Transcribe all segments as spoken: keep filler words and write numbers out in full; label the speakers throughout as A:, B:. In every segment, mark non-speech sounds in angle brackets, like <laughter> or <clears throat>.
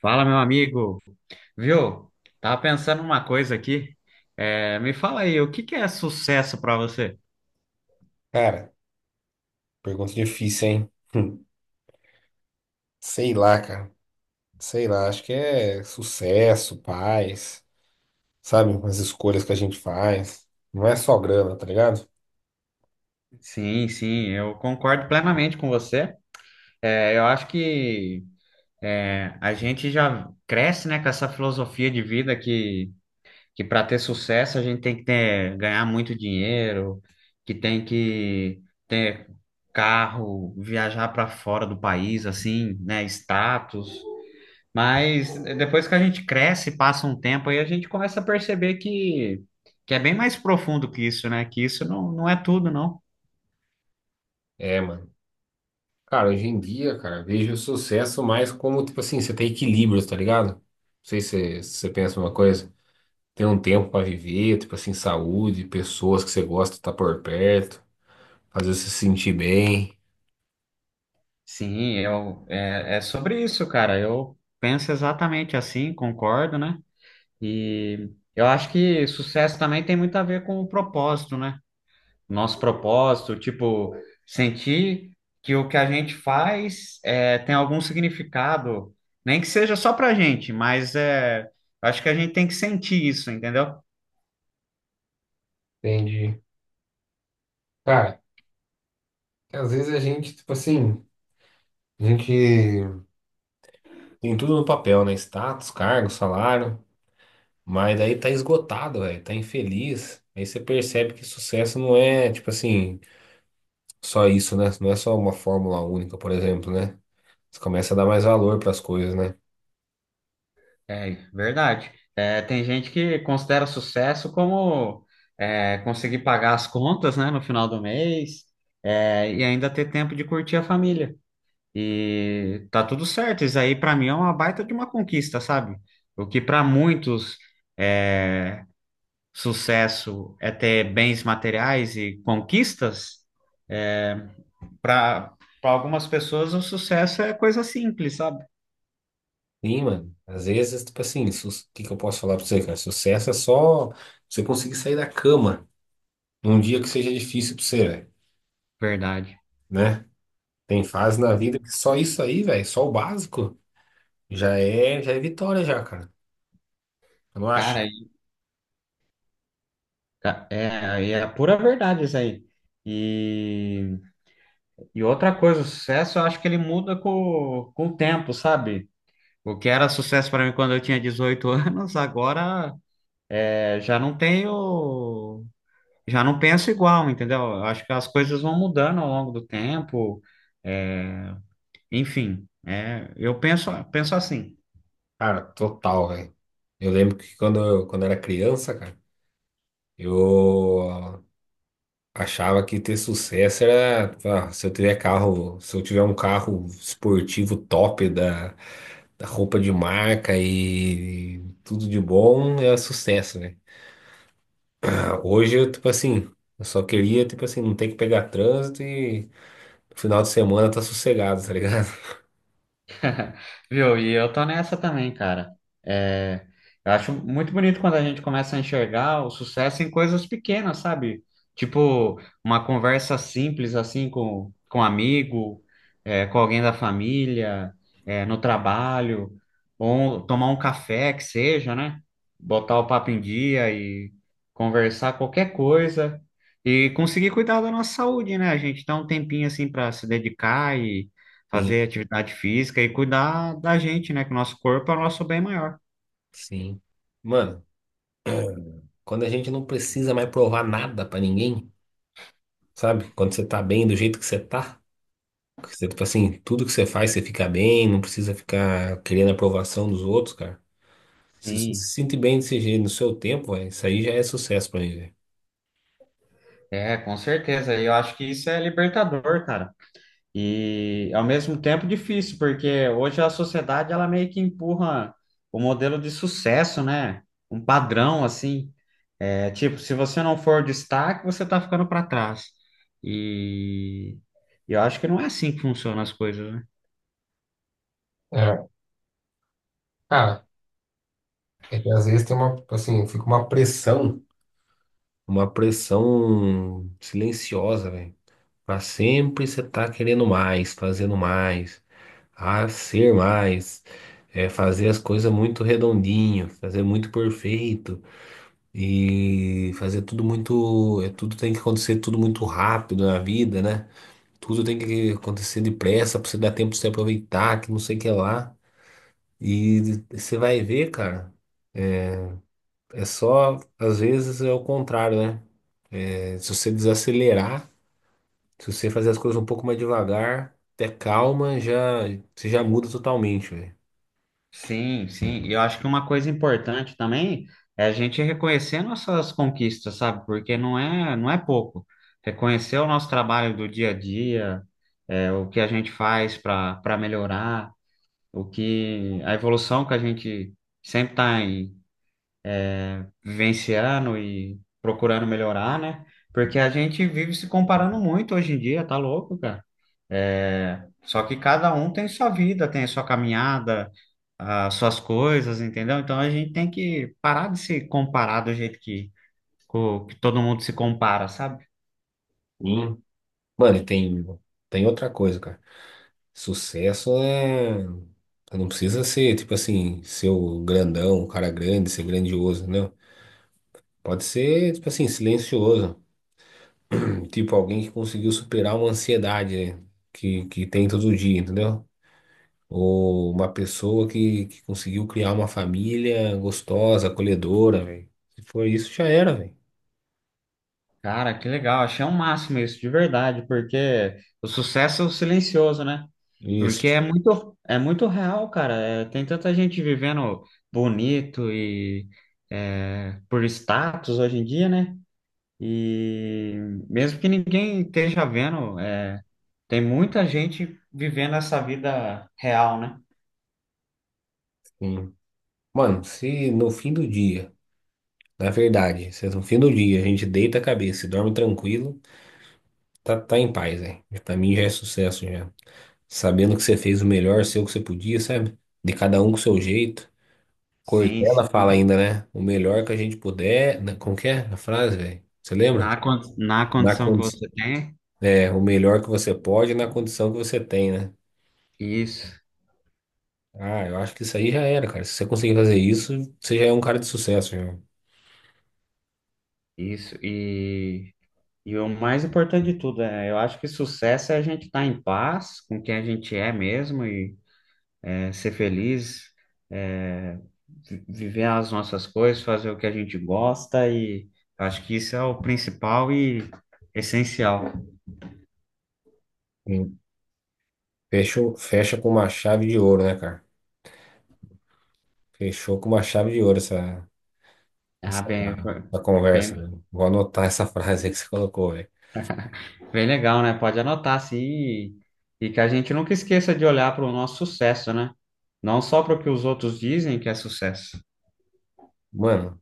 A: Fala, meu amigo. Viu? Tava pensando uma coisa aqui. É, me fala aí, o que que é sucesso para você?
B: Cara, pergunta difícil, hein? <laughs> Hum. Sei lá, cara. Sei lá, acho que é sucesso, paz, sabe? As escolhas que a gente faz. Não é só grana, tá ligado?
A: Sim, sim, eu concordo plenamente com você. É, eu acho que é, a gente já cresce, né, com essa filosofia de vida que, que para ter sucesso a gente tem que ter, ganhar muito dinheiro, que tem que ter carro, viajar para fora do país, assim, né, status. Mas eh, depois que a gente cresce, passa um tempo, aí a gente começa a perceber que, que é bem mais profundo que isso, né? Que isso não, não é tudo, não.
B: É, mano. Cara, hoje em dia, cara, eu vejo o sucesso mais como, tipo assim, você tem equilíbrio, tá ligado? Não sei se você se você pensa uma coisa. Ter um tempo pra viver, tipo assim, saúde, pessoas que você gosta tá por perto, fazer você se sentir bem.
A: Sim, eu, é, é sobre isso, cara. Eu penso exatamente assim, concordo, né? E eu acho que sucesso também tem muito a ver com o propósito, né? nosso propósito, tipo, sentir que o que a gente faz é, tem algum significado, nem que seja só pra gente, mas é, acho que a gente tem que sentir isso, entendeu?
B: Entendi. Cara, às vezes a gente, tipo assim, a gente tem tudo no papel, né? Status, cargo, salário, mas daí tá esgotado, velho, tá infeliz. Aí você percebe que sucesso não é, tipo assim, só isso, né? Não é só uma fórmula única, por exemplo, né? Você começa a dar mais valor pras coisas, né?
A: É verdade. É, tem gente que considera sucesso como é, conseguir pagar as contas, né, no final do mês, é, e ainda ter tempo de curtir a família. E tá tudo certo. Isso aí, pra mim, é uma baita de uma conquista, sabe? O que pra muitos é, sucesso é ter bens materiais e conquistas, para para algumas pessoas o sucesso é coisa simples, sabe?
B: Sim, mano. Às vezes, tipo assim, o que que eu posso falar pra você, cara? Sucesso é só você conseguir sair da cama num dia que seja difícil pra você, velho,
A: Verdade.
B: né? Tem fase na vida que
A: Sim.
B: só isso aí, velho, só o básico. Já é, já é vitória já, cara. Eu não acho.
A: Cara, e- é, é a pura verdade isso aí. E, e outra coisa, o sucesso eu acho que ele muda com, com o tempo, sabe? O que era sucesso para mim quando eu tinha dezoito <laughs> anos, agora é, já não tenho, já não penso igual, entendeu? Eu acho que as coisas vão mudando ao longo do tempo. é, Enfim, é, eu penso, penso assim.
B: Cara, total, velho. Eu lembro que quando eu, quando eu era criança, cara, eu achava que ter sucesso era, ah, se eu tiver carro, se eu tiver um carro esportivo top da, da roupa de marca e tudo de bom, é sucesso, né? Ah, hoje, eu, tipo assim, eu só queria, tipo assim, não ter que pegar trânsito e no final de semana tá sossegado, tá ligado? <laughs>
A: <laughs> Viu? E eu tô nessa também, cara. É, eu acho muito bonito quando a gente começa a enxergar o sucesso em coisas pequenas, sabe? Tipo, uma conversa simples assim com, com um amigo, é, com alguém da família, é, no trabalho, ou tomar um café que seja, né? Botar o papo em dia e conversar qualquer coisa. E conseguir cuidar da nossa saúde, né? A gente dá um tempinho assim para se dedicar
B: Sim,
A: fazer atividade física e cuidar da gente, né? Que o nosso corpo é o nosso bem maior.
B: sim. Mano, quando a gente não precisa mais provar nada pra ninguém, sabe? Quando você tá bem do jeito que você tá, que você, tipo assim, tudo que você faz você fica bem, não precisa ficar querendo a aprovação dos outros, cara. Se você se
A: Sim,
B: sente bem desse jeito no seu tempo, véi, isso aí já é sucesso pra mim, velho.
A: é, com certeza. E eu acho que isso é libertador, cara. E ao mesmo tempo difícil, porque hoje a sociedade ela meio que empurra o modelo de sucesso, né? Um padrão assim. É, tipo, se você não for destaque, você tá ficando para trás. E e eu acho que não é assim que funcionam as coisas, né?
B: É. Cara, é que às vezes tem uma, assim, fica uma pressão. Uma pressão silenciosa, velho. Pra sempre você tá querendo mais, fazendo mais, a ser mais, é, fazer as coisas muito redondinho, fazer muito perfeito e fazer tudo muito, é, tudo tem que acontecer tudo muito rápido na vida, né? Tudo tem que acontecer depressa para você dar tempo de se aproveitar, que não sei o que lá. E você vai ver, cara, é só, às vezes é o contrário, né? É, se você desacelerar, se você fazer as coisas um pouco mais devagar, ter calma, já, você já muda totalmente, velho.
A: Sim, sim. E eu acho que uma coisa importante também é a gente reconhecer nossas conquistas, sabe? Porque não é, não é pouco. Reconhecer o nosso trabalho do dia a dia, é, o que a gente faz para para melhorar, o que a evolução que a gente sempre está vivenciando e procurando melhorar, né? Porque a gente vive se comparando muito hoje em dia, tá louco, cara? É, só que cada um tem sua vida, tem a sua caminhada, as suas coisas, entendeu? Então a gente tem que parar de se comparar do jeito que, co- que todo mundo se compara, sabe?
B: Mano, e tem, tem outra coisa, cara. Sucesso é. Você não precisa ser, tipo assim, ser o grandão, o cara grande, ser grandioso, não. Pode ser, tipo assim, silencioso. <clears throat> Tipo alguém que conseguiu superar uma ansiedade, né? que, que tem todo dia, entendeu? Ou uma pessoa que, que conseguiu criar uma família gostosa, acolhedora, velho. Se for isso, já era, velho.
A: Cara, que legal, achei o máximo isso, de verdade, porque o sucesso é o silencioso, né? Porque
B: Isso.
A: é muito, é muito real, cara. É, tem tanta gente vivendo bonito e é, por status hoje em dia, né? E mesmo que ninguém esteja vendo. é, Tem muita gente vivendo essa vida real, né?
B: Hum. Mano, se no fim do dia. Na verdade, cê- no fim do dia, a gente deita a cabeça e dorme tranquilo, tá, tá em paz, velho. Pra mim já é sucesso já. Sabendo que você fez o melhor seu que você podia, sabe? De cada um com o seu jeito.
A: Sim,
B: Cortella fala
A: sim.
B: ainda, né? O melhor que a gente puder. na- Como que é a frase, velho? Você lembra?
A: Na, con- na
B: Na
A: condição que
B: condi...
A: você tem.
B: É, o melhor que você pode na condição que você tem, né?
A: Isso,
B: Ah, eu acho que isso aí já era, cara. Se você conseguir fazer isso, você já é um cara de sucesso, já.
A: isso. E, e o mais importante de tudo, é, eu acho que sucesso é a gente estar em paz com quem a gente é mesmo e é, ser feliz, é, vi- viver as nossas coisas, fazer o que a gente gosta e acho que isso é o principal e essencial.
B: Sim. Fechou, fecha com uma chave de ouro, né, cara? Fechou com uma chave de ouro essa.
A: Ah,
B: Essa,
A: bem, foi-
B: essa conversa,
A: bem
B: né? Vou anotar essa frase aí que você colocou, velho.
A: Bem legal, né? Pode anotar assim e, e que a gente nunca esqueça de olhar para o nosso sucesso, né? Não só para o que os outros dizem que é sucesso.
B: Mano,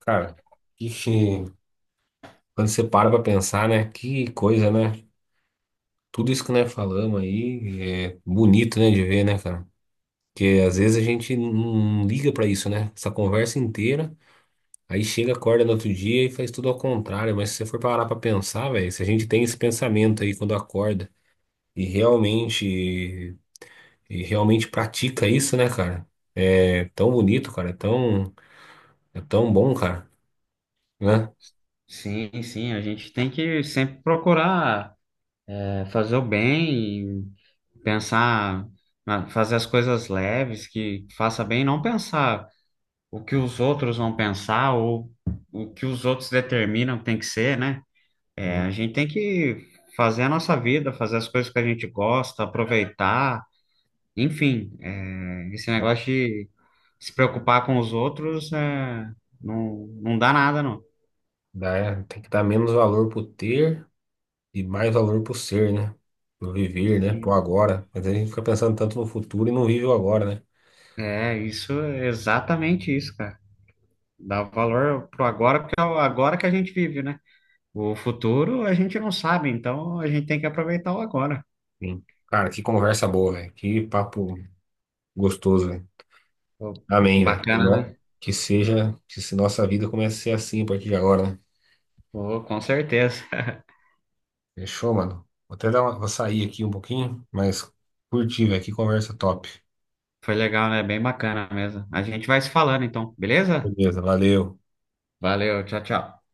B: cara, que, que- quando você para pra pensar, né? Que coisa, né? Tudo isso que nós falamos aí é bonito, né, de ver, né, cara? Porque às vezes a gente não liga pra isso, né? Essa conversa inteira, aí chega, acorda no outro dia e faz tudo ao contrário. Mas se você for parar pra pensar, velho, se a gente tem esse pensamento aí quando acorda e realmente, e realmente pratica isso, né, cara? É tão bonito, cara, é tão. É tão bom, cara, né?
A: Sim, sim, a gente tem que sempre procurar é, fazer o bem, e pensar, na- fazer as coisas leves, que faça bem, não pensar o que os outros vão pensar ou o que os outros determinam que tem que ser, né? É,
B: Dá-
A: a gente tem que fazer a nossa vida, fazer as coisas que a gente gosta, aproveitar. Enfim, é, esse negócio de se preocupar com os outros é, não, não dá nada, não.
B: dá- Tem que dar menos valor pro ter e mais valor pro ser, né? Pro viver, né? Pro agora. Mas a gente fica pensando tanto no futuro e não vive o agora, né?
A: É, isso, é exatamente isso, cara. Dá valor pro agora, porque é o agora que a gente vive, né? O futuro a gente não sabe, então a gente tem que aproveitar o agora.
B: Sim. Cara, que conversa boa, velho. Que papo gostoso, velho.
A: Pô,
B: Amém, velho. Que,
A: bacana,
B: no-
A: né?
B: que seja, que se nossa vida comece a ser assim a partir de agora, né?
A: Pô, com certeza. <laughs>
B: Fechou, mano? Vou até dar uma, vou sair aqui um pouquinho, mas curti, velho. Que conversa top.
A: Foi legal, né? Bem bacana mesmo. A gente vai se falando, então, beleza?
B: Beleza, valeu.
A: Valeu, tchau, tchau.